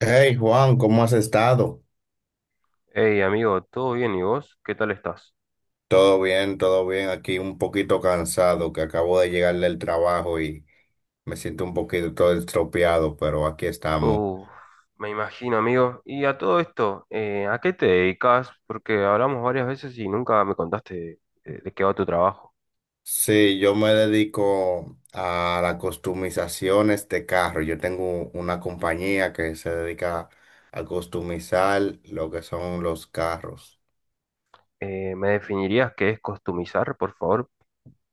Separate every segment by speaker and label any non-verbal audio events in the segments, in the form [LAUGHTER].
Speaker 1: Hey Juan, ¿cómo has estado?
Speaker 2: Hey amigo, ¿todo bien y vos? ¿Qué tal estás?
Speaker 1: Todo bien, todo bien. Aquí un poquito cansado, que acabo de llegar del trabajo y me siento un poquito todo estropeado, pero aquí estamos.
Speaker 2: Uf, me imagino amigo. Y a todo esto, ¿a qué te dedicas? Porque hablamos varias veces y nunca me contaste qué va tu trabajo.
Speaker 1: Sí, yo me dedico a las customizaciones de este carro. Yo tengo una compañía que se dedica a customizar lo que son los carros,
Speaker 2: ¿Me definirías qué es customizar, por favor?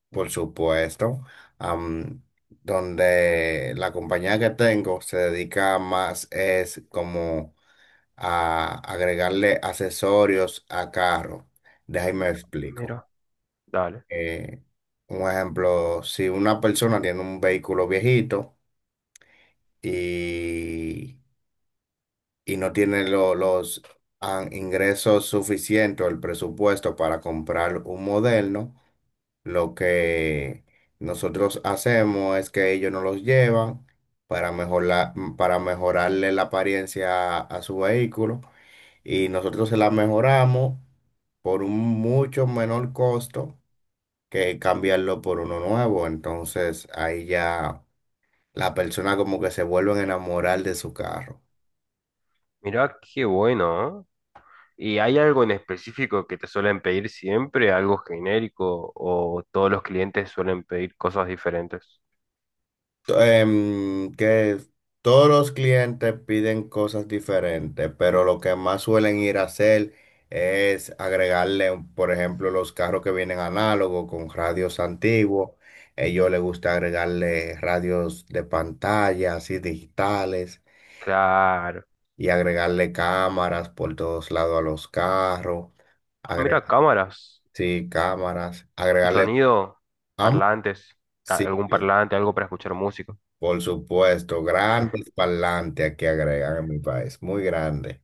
Speaker 1: por supuesto. am, Donde la compañía que tengo se dedica más es como a agregarle accesorios a carro. Déjame explico.
Speaker 2: Mira, dale.
Speaker 1: Eh, un ejemplo, si una persona tiene un vehículo viejito y, y no tiene los ingresos suficientes o el presupuesto para comprar un moderno, lo que nosotros hacemos es que ellos nos los llevan para mejorar, para mejorarle la apariencia a su vehículo y nosotros se la mejoramos por un mucho menor costo que cambiarlo por uno nuevo. Entonces ahí ya la persona como que se vuelven a enamorar de su carro.
Speaker 2: Mira, qué bueno. ¿Eh? ¿Y hay algo en específico que te suelen pedir siempre? ¿Algo genérico? ¿O todos los clientes suelen pedir cosas diferentes?
Speaker 1: Que todos los clientes piden cosas diferentes, pero lo que más suelen ir a hacer es agregarle, por ejemplo, los carros que vienen análogos con radios antiguos. Ellos les gusta agregarle radios de pantalla, así digitales.
Speaker 2: Claro.
Speaker 1: Y agregarle cámaras por todos lados a los carros,
Speaker 2: Ah,
Speaker 1: agregar,
Speaker 2: mira, cámaras.
Speaker 1: sí, cámaras,
Speaker 2: Y
Speaker 1: agregarle,
Speaker 2: sonido,
Speaker 1: am-
Speaker 2: parlantes,
Speaker 1: sí,
Speaker 2: algún parlante, algo para escuchar música.
Speaker 1: por supuesto, grandes parlantes que agregan en mi país, muy grande.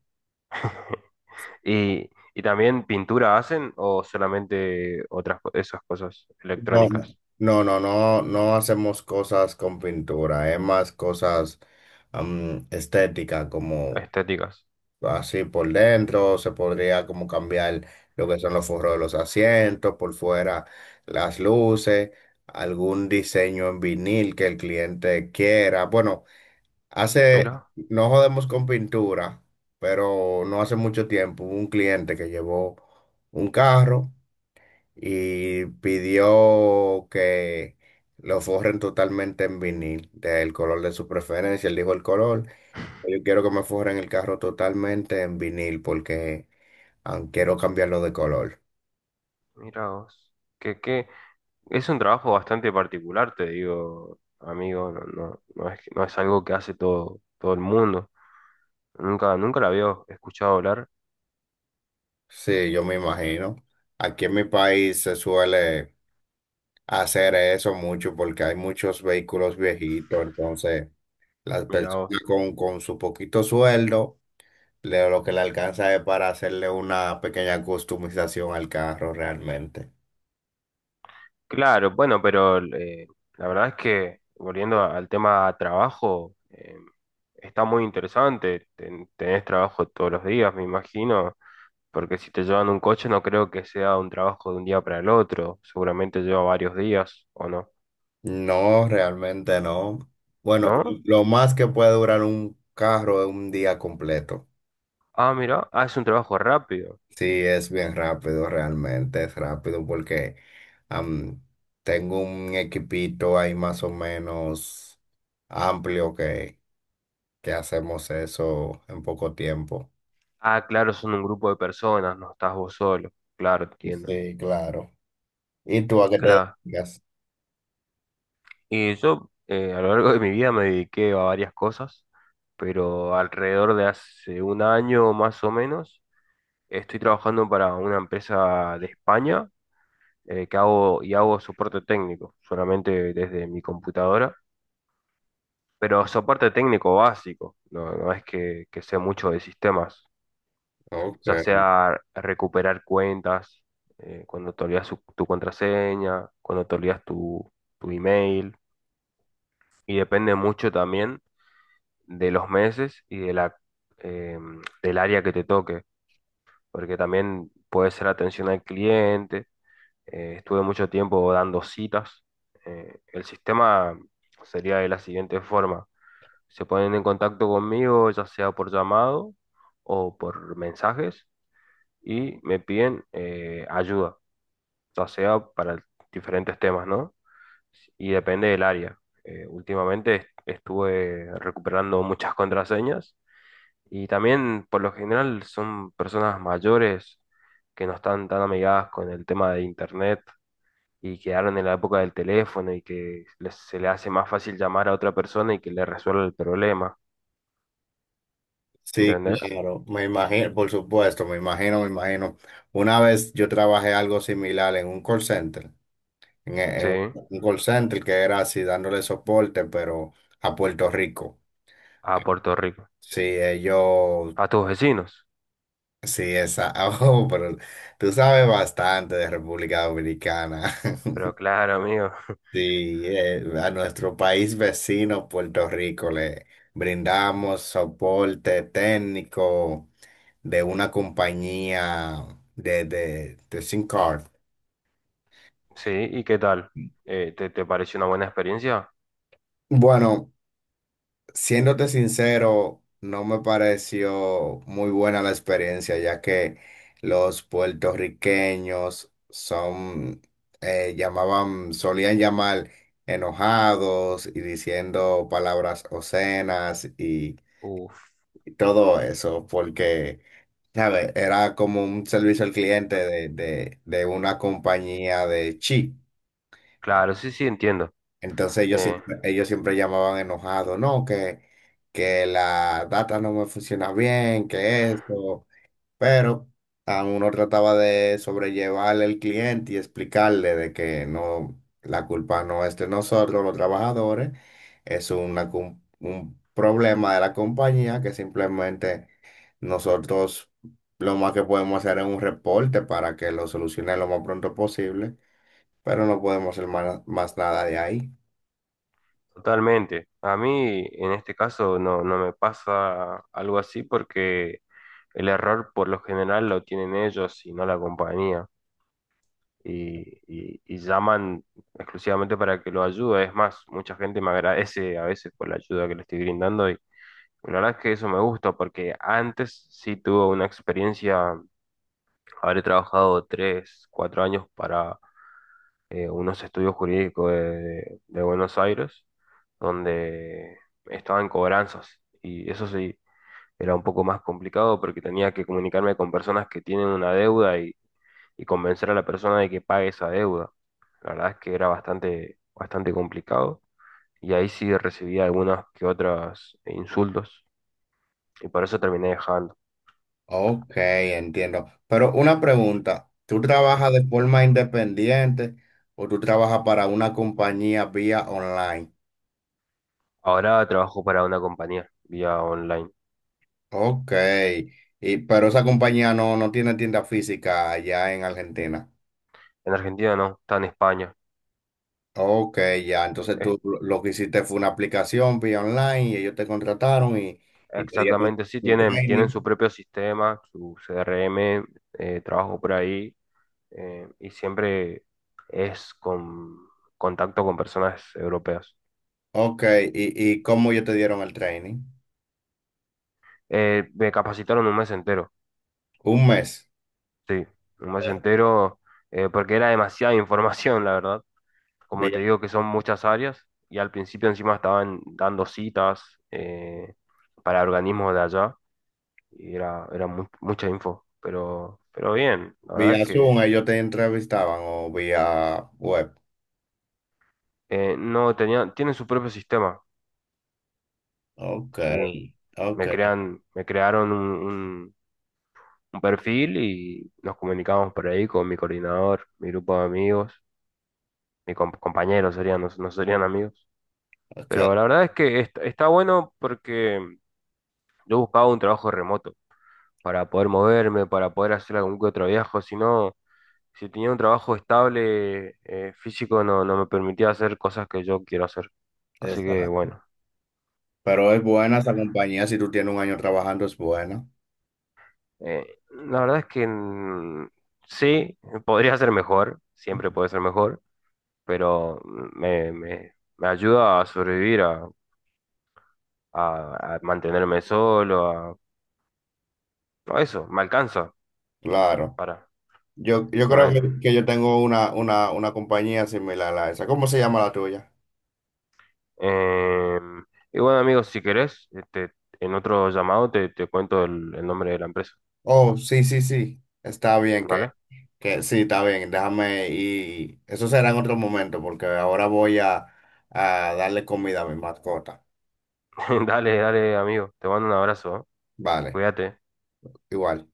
Speaker 2: Y, y también pintura hacen o solamente esas cosas
Speaker 1: No, no,
Speaker 2: electrónicas,
Speaker 1: no hacemos cosas con pintura, es más cosas estéticas como...
Speaker 2: estéticas.
Speaker 1: Así por dentro se podría como cambiar lo que son los forros de los asientos, por fuera las luces, algún diseño en vinil que el cliente quiera. Bueno, hace,
Speaker 2: Mira,
Speaker 1: no jodemos con pintura, pero no hace mucho tiempo hubo un cliente que llevó un carro y pidió que lo forren totalmente en vinil, del color de su preferencia, él dijo el color. Yo quiero que me forren el carro totalmente en vinil porque quiero cambiarlo de color.
Speaker 2: mira vos. Que es un trabajo bastante particular, te digo, amigo, no es algo que hace todo el mundo. Nunca la había escuchado hablar.
Speaker 1: Sí, yo me imagino. Aquí en mi país se suele hacer eso mucho porque hay muchos vehículos viejitos, entonces las
Speaker 2: Mira
Speaker 1: personas
Speaker 2: vos.
Speaker 1: con su poquito sueldo, lo que le alcanza es para hacerle una pequeña customización al carro realmente.
Speaker 2: Claro, bueno, pero la verdad es que volviendo al tema trabajo, está muy interesante. Tenés trabajo todos los días, me imagino, porque si te llevan un coche no creo que sea un trabajo de un día para el otro. Seguramente lleva varios días, ¿o no?
Speaker 1: No, realmente no. Bueno,
Speaker 2: ¿No?
Speaker 1: lo más que puede durar un carro es un día completo.
Speaker 2: Ah, mira, ah, es un trabajo rápido.
Speaker 1: Sí, es bien rápido, realmente es rápido porque am, tengo un equipito ahí más o menos amplio que hacemos eso en poco tiempo.
Speaker 2: Ah, claro, son un grupo de personas, no estás vos solo. Claro, entiendo.
Speaker 1: Sí, claro. ¿Y tú a qué te
Speaker 2: Claro.
Speaker 1: dedicas?
Speaker 2: Y yo a lo largo de mi vida me dediqué a varias cosas, pero alrededor de hace un año más o menos estoy trabajando para una empresa de España que hago y hago soporte técnico, solamente desde mi computadora, pero soporte técnico básico, no es que sé mucho de sistemas, ya
Speaker 1: Okay.
Speaker 2: sea recuperar cuentas, cuando te olvidas tu contraseña, cuando te olvidas tu email, y depende mucho también de los meses y de eh, del área que te toque, porque también puede ser atención al cliente. Estuve mucho tiempo dando citas. El sistema sería de la siguiente forma. Se ponen en contacto conmigo, ya sea por llamado o por mensajes, y me piden ayuda, ya sea para diferentes temas, ¿no? Y depende del área. Últimamente estuve recuperando muchas contraseñas. Y también, por lo general, son personas mayores que no están tan amigadas con el tema de internet y quedaron en la época del teléfono y que se le hace más fácil llamar a otra persona y que le resuelva el problema,
Speaker 1: Sí,
Speaker 2: ¿entendés?
Speaker 1: claro, me imagino, por supuesto, me imagino, me imagino. Una vez yo trabajé algo similar en un call center,
Speaker 2: Sí,
Speaker 1: en un call center que era así dándole soporte, pero a Puerto Rico.
Speaker 2: a Puerto Rico,
Speaker 1: Sí, ellos,
Speaker 2: a tus vecinos.
Speaker 1: sí, esa, [LAUGHS] oh, pero tú sabes bastante de República Dominicana. [LAUGHS]
Speaker 2: Pero claro, amigo, [LAUGHS]
Speaker 1: Sí, a nuestro país vecino, Puerto Rico, le brindamos soporte técnico de una compañía de SIM card.
Speaker 2: sí, ¿y qué tal? ¿Te, te pareció una buena experiencia?
Speaker 1: Bueno. Siéndote sincero, no me pareció muy buena la experiencia, ya que los puertorriqueños son, llamaban, solían llamar enojados y diciendo palabras obscenas
Speaker 2: Uf,
Speaker 1: y todo eso, porque, ¿sabes? Era como un servicio al cliente de una compañía de chi.
Speaker 2: claro, sí, sí, entiendo.
Speaker 1: Entonces
Speaker 2: Eh,
Speaker 1: ellos siempre llamaban enojados, no, que la data no me funciona bien, que esto, pero uno trataba de sobrellevarle al cliente y explicarle de que no, la culpa no es de nosotros, los trabajadores, es una, un problema de la compañía que simplemente nosotros lo más que podemos hacer es un reporte para que lo solucione lo más pronto posible, pero no podemos hacer más nada de ahí.
Speaker 2: totalmente. A mí, en este caso, no, no me pasa algo así porque el error por lo general lo tienen ellos y no la compañía. Y, y llaman exclusivamente para que lo ayude. Es más, mucha gente me agradece a veces por la ayuda que le estoy brindando y la verdad es que eso me gusta porque antes sí tuve una experiencia, habré trabajado tres, cuatro años para unos estudios jurídicos de Buenos Aires donde estaba en cobranzas y eso sí era un poco más complicado porque tenía que comunicarme con personas que tienen una deuda y convencer a la persona de que pague esa deuda. La verdad es que era bastante, bastante complicado y ahí sí recibía algunas que otras insultos y por eso terminé dejando.
Speaker 1: Ok, entiendo. Pero una pregunta, ¿tú trabajas
Speaker 2: Ujú.
Speaker 1: de forma independiente o tú trabajas para una compañía vía online?
Speaker 2: Ahora trabajo para una compañía vía online.
Speaker 1: Ok, y, pero esa compañía no, no tiene tienda física allá en Argentina.
Speaker 2: En Argentina no, está en España.
Speaker 1: Ok, ya, entonces
Speaker 2: Es-
Speaker 1: tú lo que hiciste fue una aplicación vía online y ellos te contrataron y te dieron
Speaker 2: Exactamente, sí,
Speaker 1: un
Speaker 2: tienen, tienen
Speaker 1: training.
Speaker 2: su propio sistema, su CRM, trabajo por ahí y siempre es con contacto con personas europeas.
Speaker 1: Ok, ¿ y cómo ellos te dieron el training?
Speaker 2: Me capacitaron un mes entero.
Speaker 1: Un mes,
Speaker 2: Sí, un mes entero, porque era demasiada información, la verdad. Como
Speaker 1: vía,
Speaker 2: te digo, que son muchas áreas y al principio encima estaban dando citas eh, para organismos de allá y era, era mucha info, pero bien, la verdad es
Speaker 1: vía
Speaker 2: que
Speaker 1: Zoom, ellos te entrevistaban o vía web.
Speaker 2: no tenían, tienen su propio sistema.
Speaker 1: Ok,
Speaker 2: Sí,
Speaker 1: ok,
Speaker 2: Me crearon un perfil y nos comunicamos por ahí con mi coordinador, mi grupo de amigos, mis compañeros serían, no serían amigos.
Speaker 1: ok.
Speaker 2: Pero la verdad es que está bueno porque yo buscaba un trabajo remoto para poder moverme, para poder hacer algún que otro viaje. Si no, si tenía un trabajo estable físico, no, no me permitía hacer cosas que yo quiero hacer. Así que
Speaker 1: Exacto.
Speaker 2: bueno,
Speaker 1: Pero es buena esa compañía, si tú tienes 1 año trabajando, es buena.
Speaker 2: la verdad es que sí, podría ser mejor, siempre
Speaker 1: Ujú.
Speaker 2: puede ser mejor, pero me ayuda a sobrevivir, a, a mantenerme solo, a eso, me alcanza
Speaker 1: Claro.
Speaker 2: para,
Speaker 1: Yo creo
Speaker 2: ¿no?
Speaker 1: que yo tengo una compañía similar a esa. ¿Cómo se llama la tuya?
Speaker 2: Em, y bueno, amigos, si querés, este, en otro llamado te cuento el nombre de la empresa,
Speaker 1: Oh, sí, sí, sí. Está bien
Speaker 2: ¿vale?
Speaker 1: que sí, está bien. Déjame y eso será en otro momento porque ahora voy a darle comida a mi mascota.
Speaker 2: [LAUGHS] Dale, dale, amigo. Te mando un abrazo, ¿eh?
Speaker 1: Vale,
Speaker 2: Cuídate.
Speaker 1: igual.